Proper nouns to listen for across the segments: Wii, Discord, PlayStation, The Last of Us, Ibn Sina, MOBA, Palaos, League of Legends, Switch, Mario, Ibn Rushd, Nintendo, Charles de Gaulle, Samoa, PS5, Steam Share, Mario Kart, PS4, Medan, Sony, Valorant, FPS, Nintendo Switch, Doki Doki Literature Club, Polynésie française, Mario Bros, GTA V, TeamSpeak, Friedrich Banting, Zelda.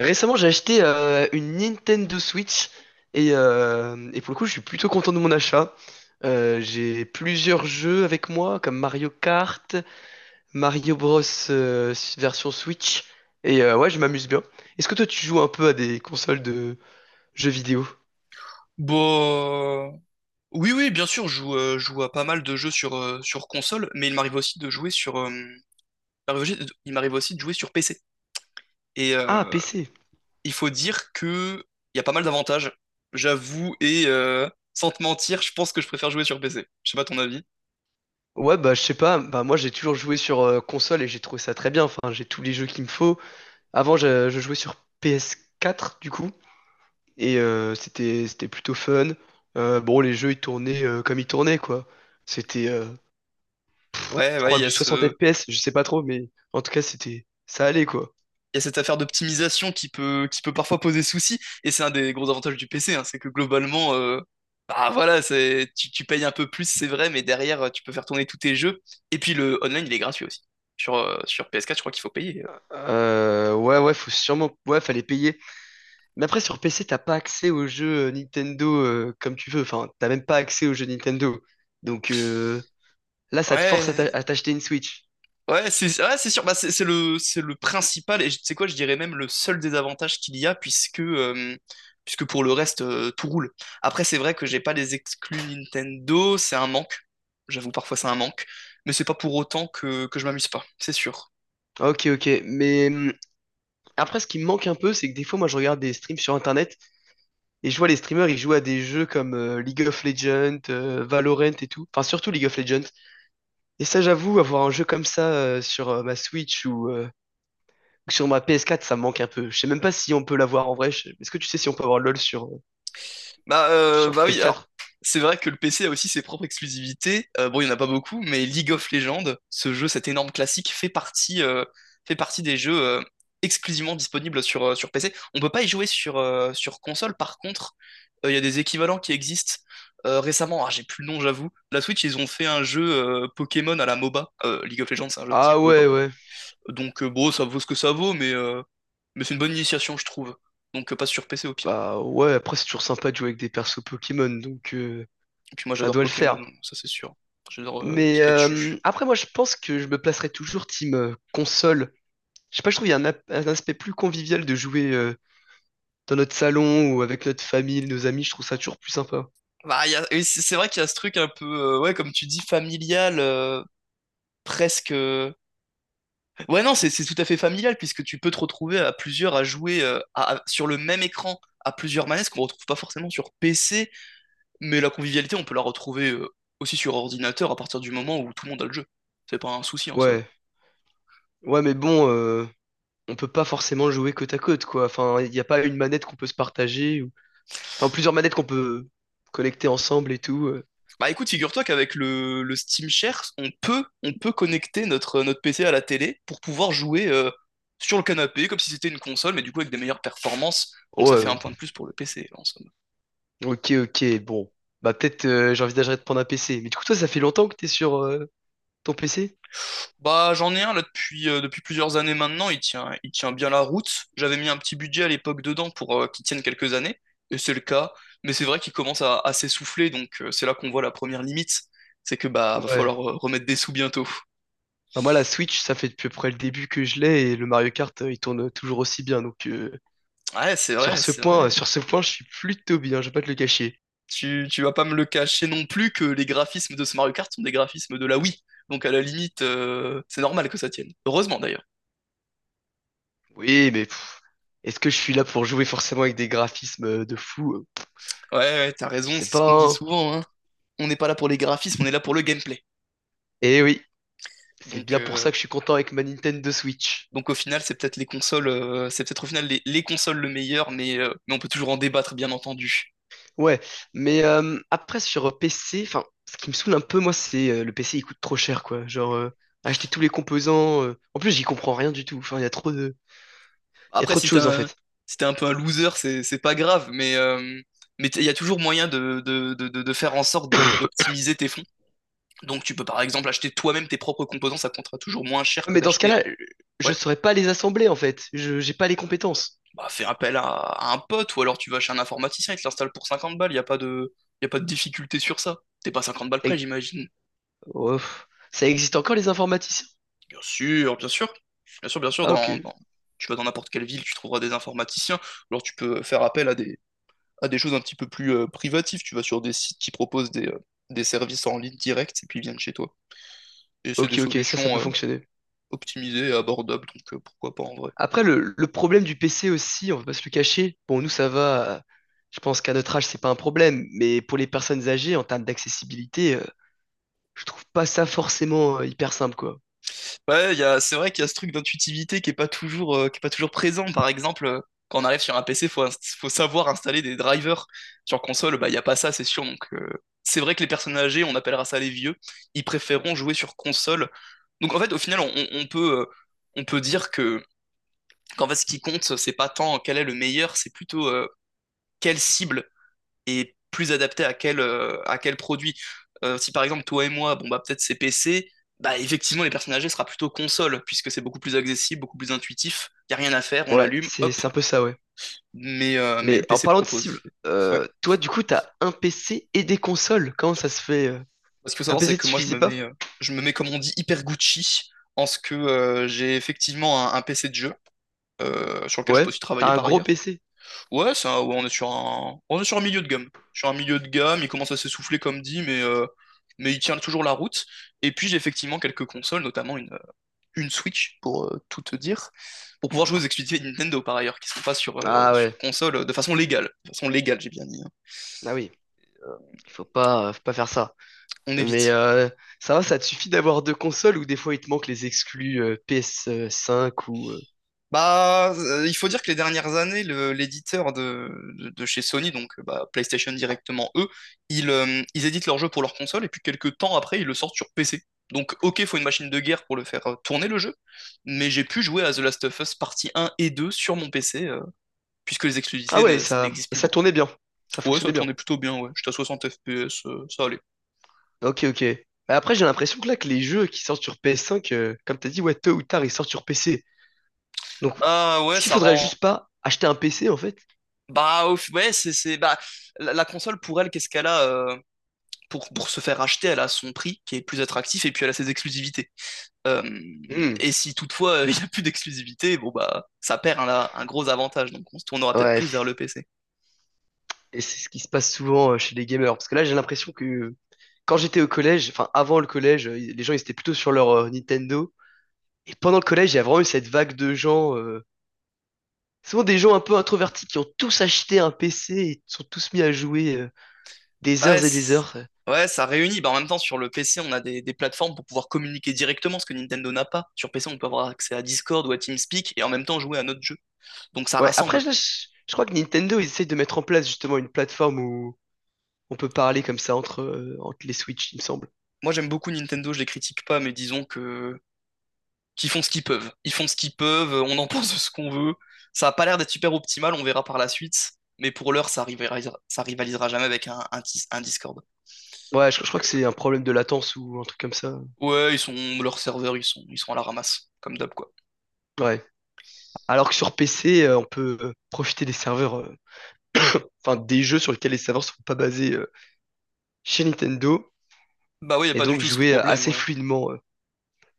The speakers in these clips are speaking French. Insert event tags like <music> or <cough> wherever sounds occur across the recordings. Récemment, j'ai acheté une Nintendo Switch et pour le coup, je suis plutôt content de mon achat. J'ai plusieurs jeux avec moi, comme Mario Kart, Mario Bros version Switch, et ouais, je m'amuse bien. Est-ce que toi, tu joues un peu à des consoles de jeux vidéo? Bon, oui, oui, bien sûr, je joue à pas mal de jeux sur, sur console, mais il m'arrive aussi il m'arrive aussi de jouer sur PC. Et Ah, PC. il faut dire que il y a pas mal d'avantages, j'avoue, et sans te mentir, je pense que je préfère jouer sur PC. Je sais pas ton avis. Ouais, bah je sais pas, bah moi j'ai toujours joué sur console et j'ai trouvé ça très bien. Enfin, j'ai tous les jeux qu'il me faut. Avant, je jouais sur PS4 du coup. C'était plutôt fun. Bon, les jeux, ils tournaient comme ils tournaient, quoi. C'était, euh, Ouais, je ouais, crois, que du 60 FPS, je sais pas trop, mais en tout cas, c'était, ça allait, quoi. il y a cette affaire d'optimisation qui peut parfois poser souci. Et c'est un des gros avantages du PC, hein, c'est que globalement, bah voilà, tu payes un peu plus, c'est vrai, mais derrière, tu peux faire tourner tous tes jeux. Et puis le online, il est gratuit aussi. Sur, sur PS4, je crois qu'il faut payer. Ouais, faut sûrement, ouais, fallait payer. Mais après, sur PC, t'as pas accès aux jeux Nintendo comme tu veux. Enfin, t'as même pas accès aux jeux Nintendo. Donc euh, Là, ça te force à Ouais, t'acheter une Switch. ouais, c'est, ouais, c'est sûr. Bah, c'est le principal. Et tu sais quoi, je dirais même le seul désavantage qu'il y a, puisque pour le reste, tout roule. Après, c'est vrai que j'ai pas les exclus Nintendo, c'est un manque. J'avoue, parfois c'est un manque. Mais c'est pas pour autant que je m'amuse pas, c'est sûr. Ok, ok. Après, ce qui me manque un peu, c'est que des fois, moi, je regarde des streams sur Internet et je vois les streamers, ils jouent à des jeux comme League of Legends, Valorant et tout. Enfin, surtout League of Legends. Et ça, j'avoue, avoir un jeu comme ça sur ma Switch ou sur ma PS4, ça me manque un peu. Je sais même pas si on peut l'avoir en vrai. Est-ce que tu sais si on peut avoir LoL sur, sur Bah oui, alors, PS4? c'est vrai que le PC a aussi ses propres exclusivités. Bon, il n'y en a pas beaucoup, mais League of Legends, ce jeu, cet énorme classique, fait partie des jeux, exclusivement disponibles sur, sur PC. On peut pas y jouer sur, sur console. Par contre, il y a des équivalents qui existent. Récemment, ah, j'ai plus le nom, j'avoue. La Switch, ils ont fait un jeu, Pokémon à la MOBA. League of Legends, c'est un jeu de type Ah MOBA. ouais, ouais. Donc, bon, ça vaut ce que ça vaut, mais c'est une bonne initiation, je trouve. Donc, passe sur PC au pire. Bah ouais, après, c'est toujours sympa de jouer avec des persos Pokémon, Et puis moi, ça j'adore doit le Pokémon, faire. ça c'est sûr. J'adore, Mais Pikachu. après, moi, je pense que je me placerai toujours team console. Je sais pas, je trouve qu'il y a un aspect plus convivial de jouer dans notre salon ou avec notre famille, nos amis, je trouve ça toujours plus sympa. Bah, et c'est vrai qu'il y a ce truc un peu, ouais, comme tu dis, familial, presque. Ouais, non, c'est tout à fait familial puisque tu peux te retrouver à plusieurs à jouer sur le même écran à plusieurs manettes qu'on retrouve pas forcément sur PC, mais la convivialité, on peut la retrouver, aussi sur ordinateur à partir du moment où tout le monde a le jeu. C'est pas un souci en somme. Ouais, ouais, mais bon, on peut pas forcément jouer côte à côte, quoi. Enfin, il n'y a pas une manette qu'on peut se partager, ou... enfin plusieurs manettes qu'on peut collecter ensemble et tout. Bah écoute, figure-toi qu'avec le Steam Share, on peut connecter notre PC à la télé pour pouvoir jouer, sur le canapé, comme si c'était une console, mais du coup avec des meilleures performances. Donc ça fait un Ouais, point de plus pour le PC, en somme. ok, ok, bon. Bah peut-être j'envisagerais de prendre un PC. Mais du coup, toi, ça fait longtemps que t'es sur ton PC? Bah j'en ai un là depuis plusieurs années maintenant. Il tient bien la route. J'avais mis un petit budget à l'époque dedans pour, qu'il tienne quelques années, et c'est le cas. Mais c'est vrai qu'il commence à s'essouffler, donc, c'est là qu'on voit la première limite. C'est que bah va Ouais. falloir, remettre des sous bientôt. Bah, moi, la Switch, ça fait depuis à peu près le début que je l'ai et le Mario Kart, il tourne toujours aussi bien. Ouais, c'est Sur vrai, ce c'est point, vrai. Je suis plutôt bien, je vais pas te le cacher. Tu vas pas me le cacher non plus que les graphismes de ce Mario Kart sont des graphismes de la Wii. Donc à la limite, c'est normal que ça tienne. Heureusement d'ailleurs. Oui, mais pff, est-ce que je suis là pour jouer forcément avec des graphismes de fou? Ouais, ouais, t'as Je raison, sais c'est ce qu'on dit pas, hein. souvent, hein. On n'est pas là pour les graphismes, on est là pour le gameplay. Eh oui, c'est Donc, bien pour euh, ça que je suis content avec ma Nintendo Switch. donc au final, c'est peut-être les consoles, c'est peut-être au final les consoles le meilleur, mais on peut toujours en débattre, bien entendu. Ouais, mais après sur PC, enfin, ce qui me saoule un peu, moi, c'est le PC, il coûte trop cher, quoi. Acheter tous les composants. En plus, j'y comprends rien du tout. Enfin, il y a Après, trop de choses, en fait. si t'es un peu un loser, c'est pas grave, mais il y a toujours moyen de faire en sorte d'optimiser tes fonds. Donc tu peux par exemple acheter toi-même tes propres composants, ça coûtera toujours moins cher Ouais, que mais dans ce d'acheter un. cas-là, je Ouais, saurais pas les assembler, en fait. J'ai pas les compétences. bah fais appel à un pote. Ou alors tu vas chez un informaticien, il te l'installe pour 50 balles, il n'y a pas de, y a pas de difficulté sur ça. T'es pas 50 balles près, Ça- j'imagine. Oh, ça existe encore les informaticiens? Bien sûr, bien sûr. Bien sûr, bien sûr. Ah ok, Tu vas dans n'importe quelle ville, tu trouveras des informaticiens. Ou alors tu peux faire appel à des choses un petit peu plus, privatives. Tu vas sur des sites qui proposent des services en ligne direct et puis ils viennent chez toi. Et c'est des ok, ok, ça peut solutions, fonctionner. optimisées et abordables, donc, pourquoi pas en vrai. Après, le problème du PC aussi, on va pas se le cacher. Bon, nous, ça va. Je pense qu'à notre âge, c'est pas un problème. Mais pour les personnes âgées, en termes d'accessibilité, je trouve pas ça forcément hyper simple, quoi. Ouais, c'est vrai qu'il y a ce truc d'intuitivité qui est pas toujours présent. Par exemple, quand on arrive sur un PC, faut savoir installer des drivers. Sur console, bah, il n'y a pas ça, c'est sûr. Donc, c'est vrai que les personnes âgées, on appellera ça les vieux, ils préféreront jouer sur console. Donc, en fait, au final, on peut dire qu'en fait, ce qui compte, c'est pas tant quel est le meilleur, c'est plutôt, quelle cible est plus adapté à à quel produit. Si par exemple toi et moi, bon bah peut-être c'est PC, bah effectivement les personnes âgées sera plutôt console, puisque c'est beaucoup plus accessible, beaucoup plus intuitif, il n'y a rien à faire, on Ouais, l'allume, c'est hop, c'est un peu ça, ouais. Mais le Mais en PC parlant de propose. cible, Ouais. Toi, du coup, t'as un PC et des consoles. Comment ça se fait? Ce qu'il faut Un savoir, c'est PC te que moi suffisait pas? Je me mets comme on dit hyper Gucci en ce que, j'ai effectivement un PC de jeu, sur lequel je peux Ouais, aussi travailler t'as un par gros ailleurs. PC. Ouais, ça, ouais, on est sur un milieu de gamme. Sur un milieu de gamme, il commence à s'essouffler comme dit, mais il tient toujours la route. Et puis j'ai effectivement quelques consoles, notamment une Switch pour, tout te dire, pour pouvoir jouer aux exclusivités Nintendo par ailleurs, qui sont pas sur, Ah ouais, sur console, de façon légale. De façon légale, j'ai bien dit, hein. ah oui, il faut pas faire ça. On Mais évite. Ça va, ça te suffit d'avoir deux consoles ou des fois il te manque les exclus PS5 ou... Bah, il faut dire que les dernières années, l'éditeur de chez Sony, donc, bah, PlayStation directement, eux, ils éditent leurs jeux pour leur console et puis quelques temps après, ils le sortent sur PC. Donc, ok, faut une machine de guerre pour le faire, tourner le jeu, mais j'ai pu jouer à The Last of Us partie 1 et 2 sur mon PC, puisque les exclusivités, Ah ouais, ça ça... n'existe Et plus ça beaucoup. tournait bien. Ça Ouais, ça fonctionnait bien. tournait plutôt bien, ouais. J'étais à 60 FPS, ça allait. Ok, ok. Bah après, j'ai l'impression que les jeux qui sortent sur PS5, comme t'as dit, ouais, tôt ou tard, ils sortent sur PC. Donc, Bah, ouais, est-ce qu'il ça faudrait rend. juste pas acheter un PC, en fait? Bah, ouais, Bah, la console, pour elle, qu'est-ce qu'elle a? Pour se faire acheter, elle a son prix qui est plus attractif et puis elle a ses exclusivités. Euh, Hmm. et si toutefois, <laughs> il, n'y a plus d'exclusivité, bon bah ça perd un gros avantage, donc on se tournera peut-être Ouais, plus vers le c- PC. et c'est ce qui se passe souvent chez les gamers. Parce que là, j'ai l'impression que quand j'étais au collège, enfin, avant le collège, les gens, ils étaient plutôt sur leur Nintendo. Et pendant le collège, il y a vraiment eu cette vague de gens... souvent des gens un peu introvertis qui ont tous acheté un PC et sont tous mis à jouer des Ouais, heures et des heures. ouais, ça réunit. Bah, en même temps, sur le PC, on a des plateformes pour pouvoir communiquer directement, ce que Nintendo n'a pas. Sur PC, on peut avoir accès à Discord ou à TeamSpeak et en même temps jouer à notre jeu. Donc ça Ouais, après, rassemble. Je crois que Nintendo, ils essayent de mettre en place justement une plateforme où on peut parler comme ça entre, entre les Switch, il me semble. Moi, j'aime beaucoup Nintendo, je les critique pas, mais disons que qui font ce qu'ils peuvent. Ils font ce qu'ils peuvent, on en <laughs> pense ce qu'on veut. Ça a pas l'air d'être super optimal, on verra par la suite. Mais pour l'heure, ça rivalisera jamais avec un Discord. Ouais, je crois Donc, que c'est un problème de latence ou un truc comme ça. Ouais, leurs serveurs, ils sont à la ramasse, comme d'hab, quoi. Ouais. Alors que sur PC, on peut profiter des serveurs, enfin des jeux sur lesquels les serveurs ne sont pas basés chez Nintendo. Bah ouais, y a Et pas du donc tout ce jouer problème, assez ouais. fluidement.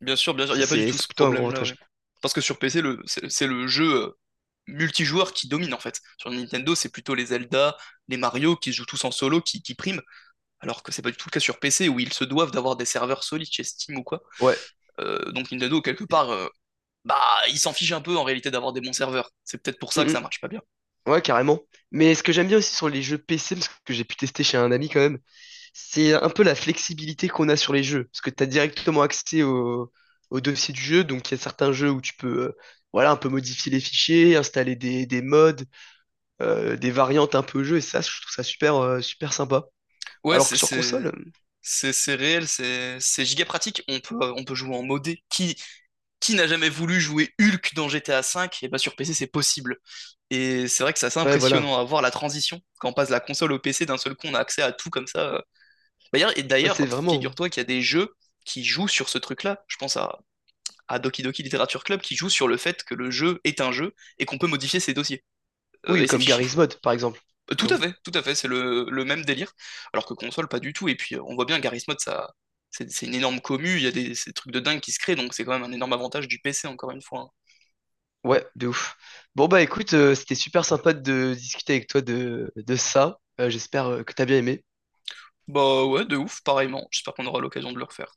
Bien sûr, y Ça, a pas du c'est tout c'est ce plutôt un gros problème-là, avantage. ouais. Parce que sur PC, c'est le jeu, multijoueur qui domine, en fait. Sur Nintendo, c'est plutôt les Zelda, les Mario qui se jouent tous en solo, qui priment. Alors que c'est pas du tout le cas sur PC, où ils se doivent d'avoir des serveurs solides chez Steam ou quoi. Ouais. Donc Nintendo, quelque part, bah, ils s'en fichent un peu en réalité d'avoir des bons serveurs. C'est peut-être pour Mm, ça que mm, ça marche pas bien. ouais, carrément. Mais ce que j'aime bien aussi sur les jeux PC, parce que j'ai pu tester chez un ami quand même, c'est un peu la flexibilité qu'on a sur les jeux. Parce que tu as directement accès au dossier du jeu, donc il y a certains jeux où tu peux. Voilà, un peu modifier les fichiers, installer des mods, des variantes un peu au jeu, et ça, je trouve ça super, super sympa. Ouais, Alors que sur console, c'est réel, c'est giga pratique. On peut jouer en modé. Qui n'a jamais voulu jouer Hulk dans GTA V? Et bah sur PC c'est possible. Et c'est vrai que c'est assez ouais, voilà, impressionnant à voir la transition quand on passe de la console au PC d'un seul coup, on a accès à tout comme ça. D'ailleurs, et ouais, c'est d'ailleurs, vraiment. figure-toi qu'il y a des jeux qui jouent sur ce truc-là. Je pense à Doki Doki Literature Club qui joue sur le fait que le jeu est un jeu et qu'on peut modifier ses dossiers, Oui, et ses comme fichiers. Garry's Mod, par exemple. Non? Tout à fait, c'est le même délire. Alors que console, pas du tout. Et puis, on voit bien, Garry's Mod, ça, c'est une énorme commu, il y a ces trucs de dingue qui se créent. Donc c'est quand même un énorme avantage du PC, encore une fois, hein. Ouais, de ouf. Bon bah écoute, c'était super sympa de discuter avec toi de ça. J'espère que t'as bien aimé. Bah ouais, de ouf, pareillement. J'espère qu'on aura l'occasion de le refaire.